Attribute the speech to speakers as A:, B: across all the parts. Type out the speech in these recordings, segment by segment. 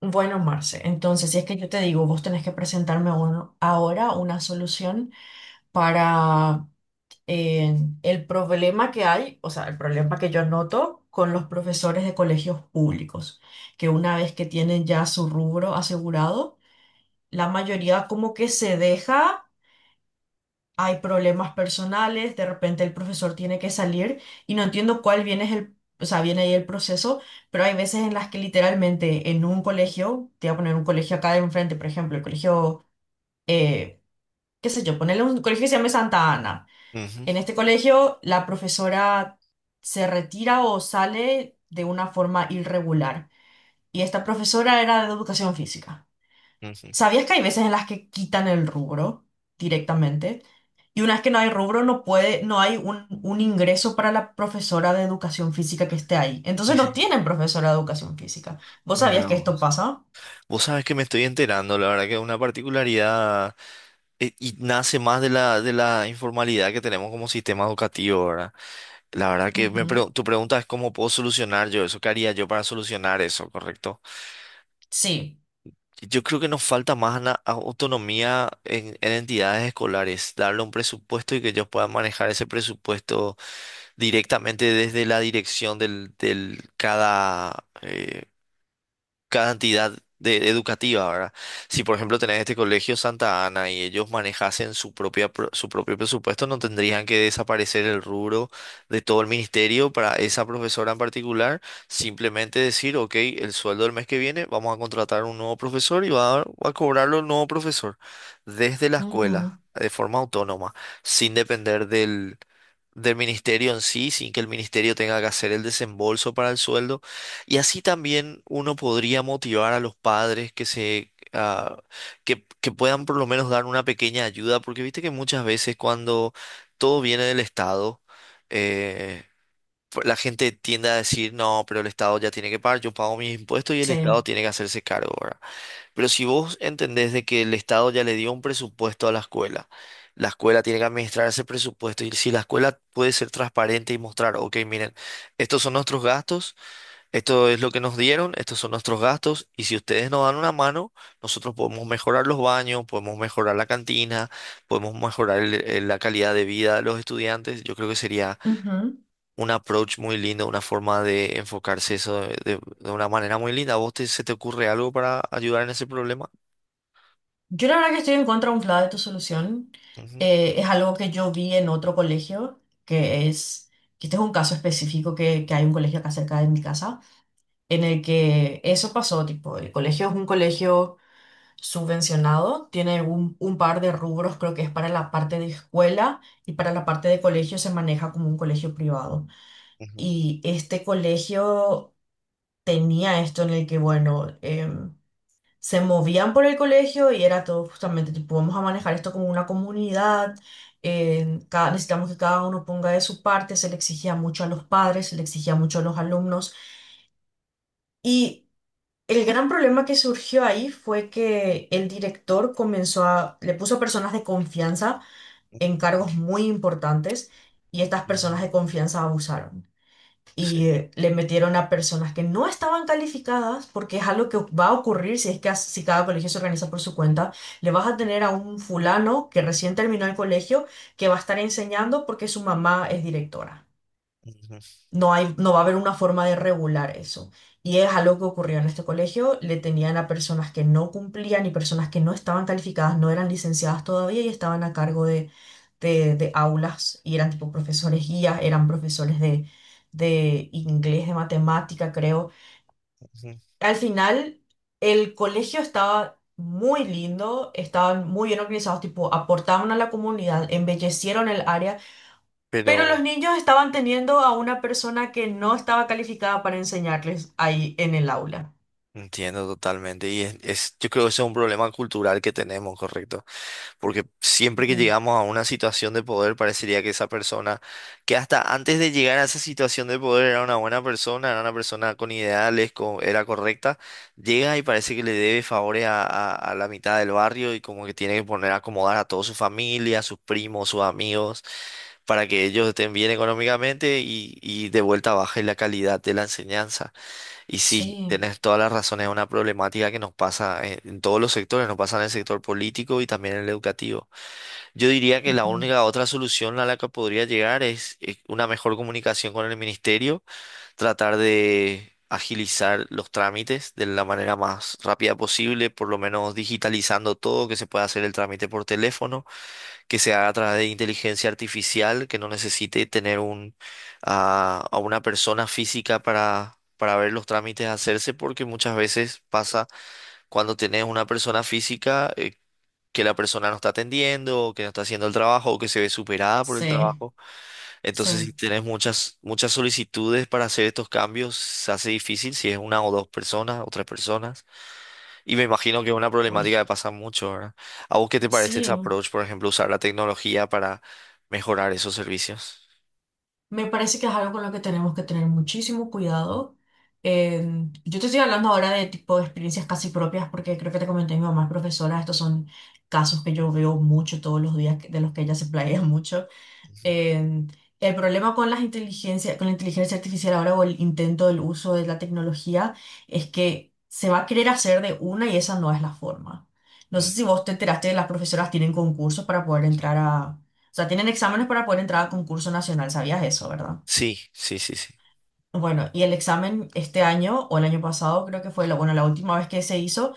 A: Bueno, Marce, entonces si es que yo te digo, vos tenés que presentarme ahora una solución para eh, el problema que hay, o sea, el problema que yo noto con los profesores de colegios públicos, que una vez que tienen ya su rubro asegurado, la mayoría como que se deja, hay problemas personales, de repente el profesor tiene que salir y no entiendo cuál viene, o sea, viene ahí el proceso, pero hay veces en las que literalmente en un colegio, te voy a poner un colegio acá de enfrente, por ejemplo, el colegio, eh, qué sé yo, ponerle un colegio que se llame Santa Ana.
B: Ujú,
A: En este colegio la profesora se retira o sale de una forma irregular y esta profesora era de educación física.
B: ujú.
A: ¿Sabías que hay veces en las que quitan el rubro directamente? Y una vez que no hay rubro, no puede, no hay un ingreso para la profesora de educación física que esté ahí.
B: Y
A: Entonces no
B: sí,
A: tienen profesora de educación física. ¿Vos sabías
B: mira
A: que esto
B: vos.
A: pasa?
B: Vos sabés que me estoy enterando, la verdad que es una particularidad y nace más de la informalidad que tenemos como sistema educativo, ¿verdad? La verdad que
A: Ujú.
B: tu pregunta es cómo puedo solucionar yo eso, qué haría yo para solucionar eso, ¿correcto?
A: Sí.
B: Yo creo que nos falta más autonomía en entidades escolares, darle un presupuesto y que ellos puedan manejar ese presupuesto directamente desde la dirección del cantidad de, educativa, ¿verdad? Si por ejemplo tenés este colegio Santa Ana y ellos manejasen su propia, su propio presupuesto, no tendrían que desaparecer el rubro de todo el ministerio para esa profesora en particular, simplemente decir, ok, el sueldo del mes que viene, vamos a contratar un nuevo profesor y va a cobrarlo el nuevo profesor desde la escuela,
A: Ujú.
B: de forma autónoma, sin depender del... del ministerio en sí, sin que el ministerio tenga que hacer el desembolso para el sueldo, y así también uno podría motivar a los padres que puedan por lo menos dar una pequeña ayuda, porque viste que muchas veces cuando todo viene del Estado, eh, la gente tiende a decir, no, pero el Estado ya tiene que pagar, yo pago mis impuestos y el
A: Sí.
B: Estado tiene que hacerse cargo, ¿verdad? Pero si vos entendés de que el Estado ya le dio un presupuesto a la escuela tiene que administrar ese presupuesto y si la escuela puede ser transparente y mostrar, ok, miren, estos son nuestros gastos. Esto es lo que nos dieron, estos son nuestros gastos y si ustedes nos dan una mano, nosotros podemos mejorar los baños, podemos mejorar la cantina, podemos mejorar la calidad de vida de los estudiantes. Yo creo que sería
A: Ujú.
B: un approach muy lindo, una forma de enfocarse eso de, de una manera muy linda. ¿A vos se te ocurre algo para ayudar en ese problema?
A: Yo la verdad que estoy en contra un de tu solución.
B: Ujú,
A: Es algo que yo vi en otro colegio, que este es un caso específico que hay un colegio acá cerca de mi casa en el que eso pasó, tipo, el colegio es un colegio subvencionado, tiene un par de rubros, creo que es para la parte de escuela, y para la parte de colegio se maneja como un colegio privado.
B: ujú,
A: Y este colegio tenía esto en el que, bueno, se movían por el colegio y era todo justamente, tipo, vamos a manejar esto como una comunidad. Necesitamos que cada uno ponga de su parte, se le exigía mucho a los padres, se le exigía mucho a los alumnos. Y el gran problema que surgió ahí fue que el director comenzó le puso personas de confianza
B: ujú,
A: en cargos muy importantes y estas personas
B: ujú.
A: de confianza abusaron. Y
B: Sí.
A: le metieron a personas que no estaban calificadas, porque es algo que va a ocurrir si es que, si cada colegio se organiza por su cuenta. Le vas a tener a un fulano que recién terminó el colegio que va a estar enseñando porque su mamá es directora.
B: Ujú,
A: No hay, no va a haber una forma de regular eso. Y es algo que ocurrió en este colegio. Le tenían a personas que no cumplían y personas que no estaban calificadas, no eran licenciadas todavía y estaban a cargo de aulas, y eran tipo profesores guías, eran profesores de inglés, de matemática, creo.
B: ujú.
A: Al final, el colegio estaba muy lindo, estaban muy bien organizados, tipo aportaban a la comunidad, embellecieron el área, pero los
B: Pero
A: niños estaban teniendo a una persona que no estaba calificada para enseñarles ahí en el aula.
B: entiendo totalmente y es, yo creo que ese es un problema cultural que tenemos, ¿correcto? Porque siempre que
A: Ujú.
B: llegamos a una situación de poder parecería que esa persona, que hasta antes de llegar a esa situación de poder era una buena persona, era una persona con ideales, era correcta, llega y parece que le debe favores a, a la mitad del barrio y como que tiene que poner a acomodar a toda su familia, a sus primos, sus amigos, para que ellos estén bien económicamente y de vuelta baje la calidad de la enseñanza. Y sí,
A: Sí,
B: tenés todas las razones, es una problemática que nos pasa en todos los sectores, nos pasa en el sector político y también en el educativo. Yo diría que la
A: ujú.
B: única otra solución a la que podría llegar es, una mejor comunicación con el ministerio, tratar de agilizar los trámites de la manera más rápida posible, por lo menos digitalizando todo, que se pueda hacer el trámite por teléfono, que se haga a través de inteligencia artificial, que no necesite tener a una persona física para ver los trámites hacerse, porque muchas veces pasa cuando tenés una persona física, que la persona no está atendiendo, o que no está haciendo el trabajo, o que se ve superada por el
A: Sí,
B: trabajo. Entonces, si
A: sí,
B: tenés muchas solicitudes para hacer estos cambios, se hace difícil si es una o dos personas o tres personas. Y me imagino que es una problemática que
A: uy,
B: pasa mucho, ¿verdad? ¿A vos qué te parece
A: sí,
B: ese approach, por ejemplo, usar la tecnología para mejorar esos servicios?
A: me parece que es algo con lo que tenemos que tener muchísimo cuidado. Eh, yo te estoy hablando ahora de tipo de experiencias casi propias, porque creo que te comenté, mi mamá es profesora, estos son casos que yo veo mucho todos los días, de los que ella se playa mucho.
B: Ujú.
A: Eh, el problema con la inteligencia artificial ahora, o el intento del uso de la tecnología, es que se va a querer hacer de una y esa no es la forma. No sé
B: Mm.
A: si vos te enteraste, las profesoras tienen concursos para poder entrar a, o sea, tienen exámenes para poder entrar a concurso nacional, ¿sabías eso, verdad?
B: Sí, sí, sí, sí.
A: Bueno, y el examen este año o el año pasado, creo que fue la, bueno, la última vez que se hizo,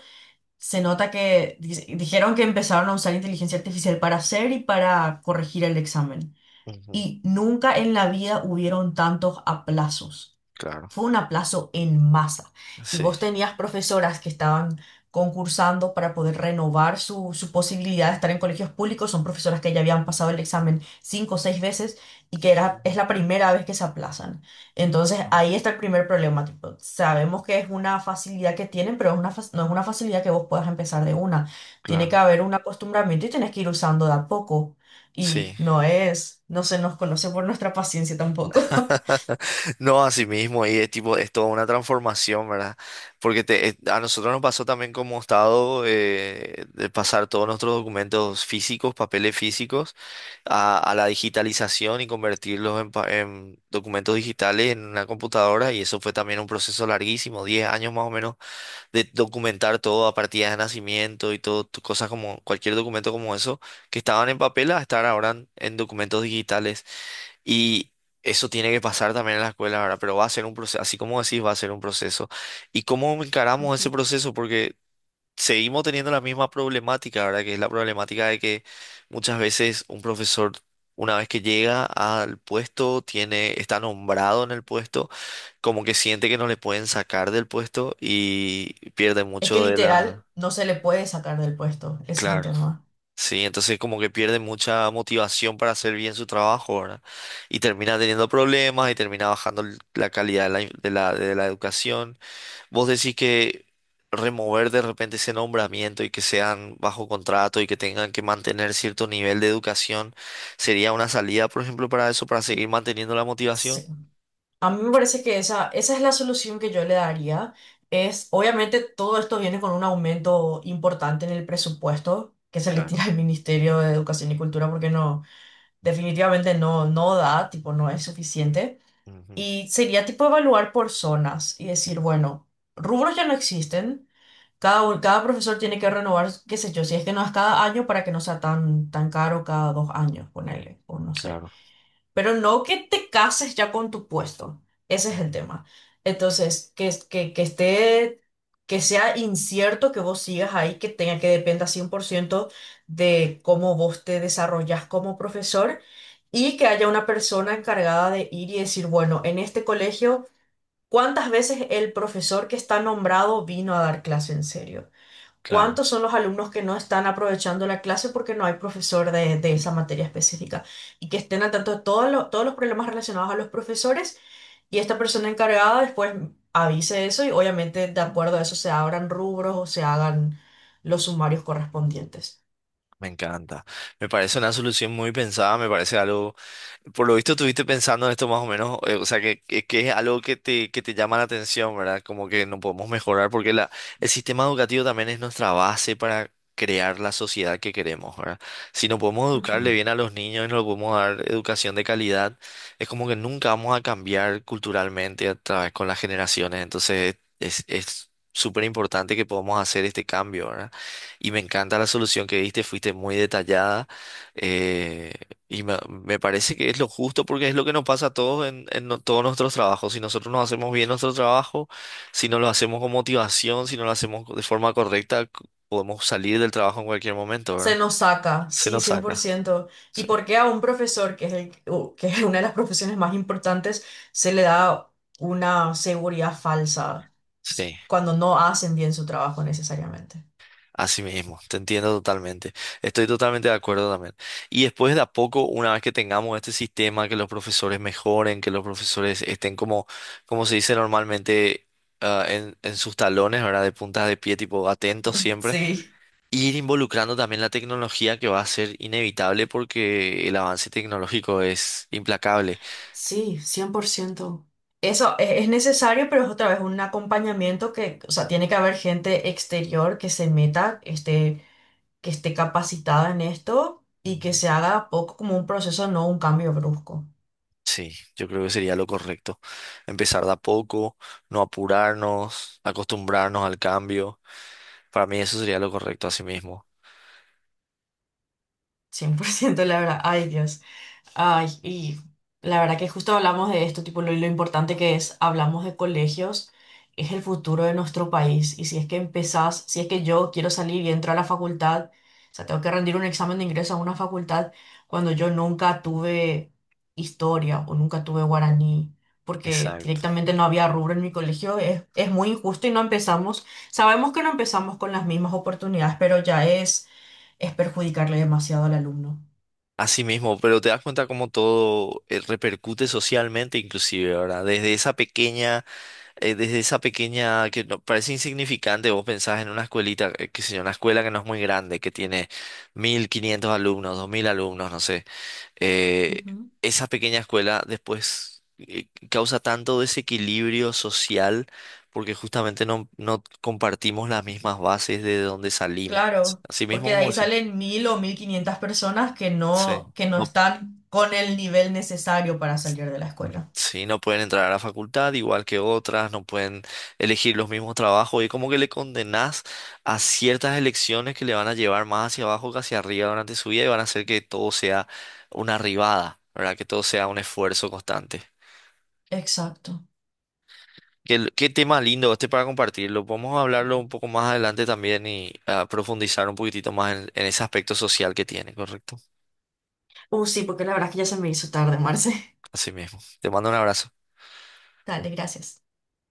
A: se nota dijeron que empezaron a usar inteligencia artificial para hacer y para corregir el examen,
B: Ujú,
A: y nunca en la vida hubieron tantos aplazos.
B: claro,
A: Fue un aplazo en masa. Y
B: sí.
A: vos tenías profesoras que estaban concursando para poder renovar su posibilidad de estar en colegios públicos. Son profesoras que ya habían pasado el examen 5 o 6 veces y que era, es
B: Ujú.
A: la primera vez que se aplazan. Entonces
B: Ah,
A: ahí está el primer problema. Tipo, sabemos que es una facilidad que tienen, pero no es una facilidad que vos puedas empezar de una. Tiene que
B: claro,
A: haber un acostumbramiento y tenés que ir usando de a poco.
B: sí.
A: Y no es, no se nos conoce por nuestra paciencia tampoco.
B: No, así mismo, y es tipo, es toda una transformación, ¿verdad? Porque te, a nosotros nos pasó también como estado, de pasar todos nuestros documentos físicos, papeles físicos, a la digitalización y convertirlos en, en documentos digitales en una computadora, y eso fue también un proceso larguísimo, 10 años más o menos, de documentar todo a partir de nacimiento y todo, cosas como cualquier documento como eso, que estaban en papel a estar ahora en documentos digitales. Y eso tiene que pasar también en la escuela, ¿verdad? Pero va a ser un proceso, así como decís, va a ser un proceso. ¿Y cómo encaramos ese proceso? Porque seguimos teniendo la misma problemática, ¿verdad? Que es la problemática de que muchas veces un profesor, una vez que llega al puesto, tiene, está nombrado en el puesto, como que siente que no le pueden sacar del puesto y pierde
A: Es que
B: mucho de la...
A: literal no se le puede sacar del puesto, ese es el
B: Claro.
A: tema.
B: Sí, entonces como que pierde mucha motivación para hacer bien su trabajo, ¿verdad? Y termina teniendo problemas y termina bajando la calidad de la, in- de la educación. Vos decís que remover de repente ese nombramiento y que sean bajo contrato y que tengan que mantener cierto nivel de educación, ¿sería una salida, por ejemplo, para eso, para seguir manteniendo la
A: Sí.
B: motivación?
A: A mí me parece que esa es la solución que yo le daría. Es, obviamente, todo esto viene con un aumento importante en el presupuesto que se le tira
B: Claro,
A: al Ministerio de Educación y Cultura, porque no, definitivamente no, no da, tipo, no es suficiente.
B: ujú,
A: Y sería tipo evaluar por zonas y decir, bueno, rubros ya no existen. Cada profesor tiene que renovar, qué sé yo, si es que no es cada año, para que no sea tan, tan caro, cada 2 años, ponele, o no sé.
B: claro,
A: Pero no que te cases ya con tu puesto, ese es el
B: ujú,
A: tema. Entonces, que esté, que sea incierto que vos sigas ahí, que tenga que dependa 100% de cómo vos te desarrollas como profesor, y que haya una persona encargada de ir y decir, bueno, en este colegio, ¿cuántas veces el profesor que está nombrado vino a dar clase en serio?
B: claro.
A: ¿Cuántos son los alumnos que no están aprovechando la clase porque no hay profesor de esa materia específica? Y que estén al tanto de todos los problemas relacionados a los profesores, y esta persona encargada después avise eso, y obviamente de acuerdo a eso se abran rubros o se hagan los sumarios correspondientes.
B: Me encanta. Me parece una solución muy pensada, me parece algo. Por lo visto estuviste pensando en esto más o menos, o sea, que, que es algo que te llama la atención, ¿verdad? Como que no podemos mejorar porque la, el sistema educativo también es nuestra base para crear la sociedad que queremos, ¿verdad? Si no podemos educarle
A: Ujú.
B: bien a los niños y no le podemos dar educación de calidad, es como que nunca vamos a cambiar culturalmente a través con las generaciones, entonces es súper importante que podamos hacer este cambio, ¿verdad? Y me encanta la solución que diste, fuiste muy detallada. Eh, y me, me parece que es lo justo porque es lo que nos pasa a todos en, en todos nuestros trabajos. Si nosotros no hacemos bien nuestro trabajo, si no lo hacemos con motivación, si no lo hacemos de forma correcta, podemos salir del trabajo en cualquier momento,
A: Se
B: ¿verdad?
A: nos saca,
B: Se
A: sí,
B: nos
A: cien por
B: saca.
A: ciento ¿Y
B: Sí,
A: por qué a un profesor, que es una de las profesiones más importantes, se le da una seguridad falsa
B: sí,
A: cuando no hacen bien su trabajo necesariamente?
B: así mismo. Te entiendo totalmente. Estoy totalmente de acuerdo también. Y después de a poco, una vez que tengamos este sistema, que los profesores mejoren, que los profesores estén como, como se dice normalmente, ah, en sus talones, ¿verdad? De puntas de pie, tipo atentos siempre,
A: Sí.
B: ir involucrando también la tecnología que va a ser inevitable porque el avance tecnológico es implacable.
A: Sí, 100%. Eso es necesario, pero es otra vez un acompañamiento que, o sea, tiene que haber gente exterior que se meta, este, que esté capacitada en esto y que
B: Ujú.
A: se haga poco como un proceso, no un cambio brusco.
B: Sí, yo creo que sería lo correcto. Empezar de a poco, no apurarnos, acostumbrarnos al cambio. Para mí eso sería lo correcto así mismo.
A: 100%, la verdad. Ay, Dios. Ay, y la verdad que justo hablamos de esto, tipo lo importante que es, hablamos de colegios, es el futuro de nuestro país. Y si es que empezás, si es que yo quiero salir y entro a la facultad, o sea, tengo que rendir un examen de ingreso a una facultad cuando yo nunca tuve historia o nunca tuve guaraní, porque
B: Exacto.
A: directamente no había rubro en mi colegio, es muy injusto, y no empezamos, sabemos que no empezamos con las mismas oportunidades, pero ya es perjudicarle demasiado al alumno.
B: Así mismo, pero te das cuenta cómo todo, repercute socialmente inclusive, ¿verdad? Desde esa pequeña, que parece insignificante, vos pensás en una escuelita, qué sé yo, una escuela que no es muy grande, que tiene 1.500 alumnos, 2.000 alumnos, no sé. eh,
A: Ujú.
B: Esa pequeña escuela después, causa tanto desequilibrio social porque justamente no compartimos las mismas bases de donde salimos.
A: Claro,
B: Así mismo
A: porque de
B: como
A: ahí
B: decís.
A: salen 1.000 o 1.500 personas
B: Sí.
A: que no
B: no
A: están con el nivel necesario para salir de la escuela.
B: Sí, no pueden entrar a la facultad igual que otras, no pueden elegir los mismos trabajos y como que le condenás a ciertas elecciones que le van a llevar más hacia abajo que hacia arriba durante su vida y van a hacer que todo sea una arribada, ¿verdad? Que todo sea un esfuerzo constante.
A: Exacto.
B: Qué, qué tema lindo este para compartirlo. Podemos hablarlo un poco más adelante también y profundizar un poquitito más en ese aspecto social que tiene, ¿correcto?
A: Sí, porque la verdad es que ya se me hizo tarde, Marce.
B: Así mismo. Te mando un abrazo.
A: Dale, gracias.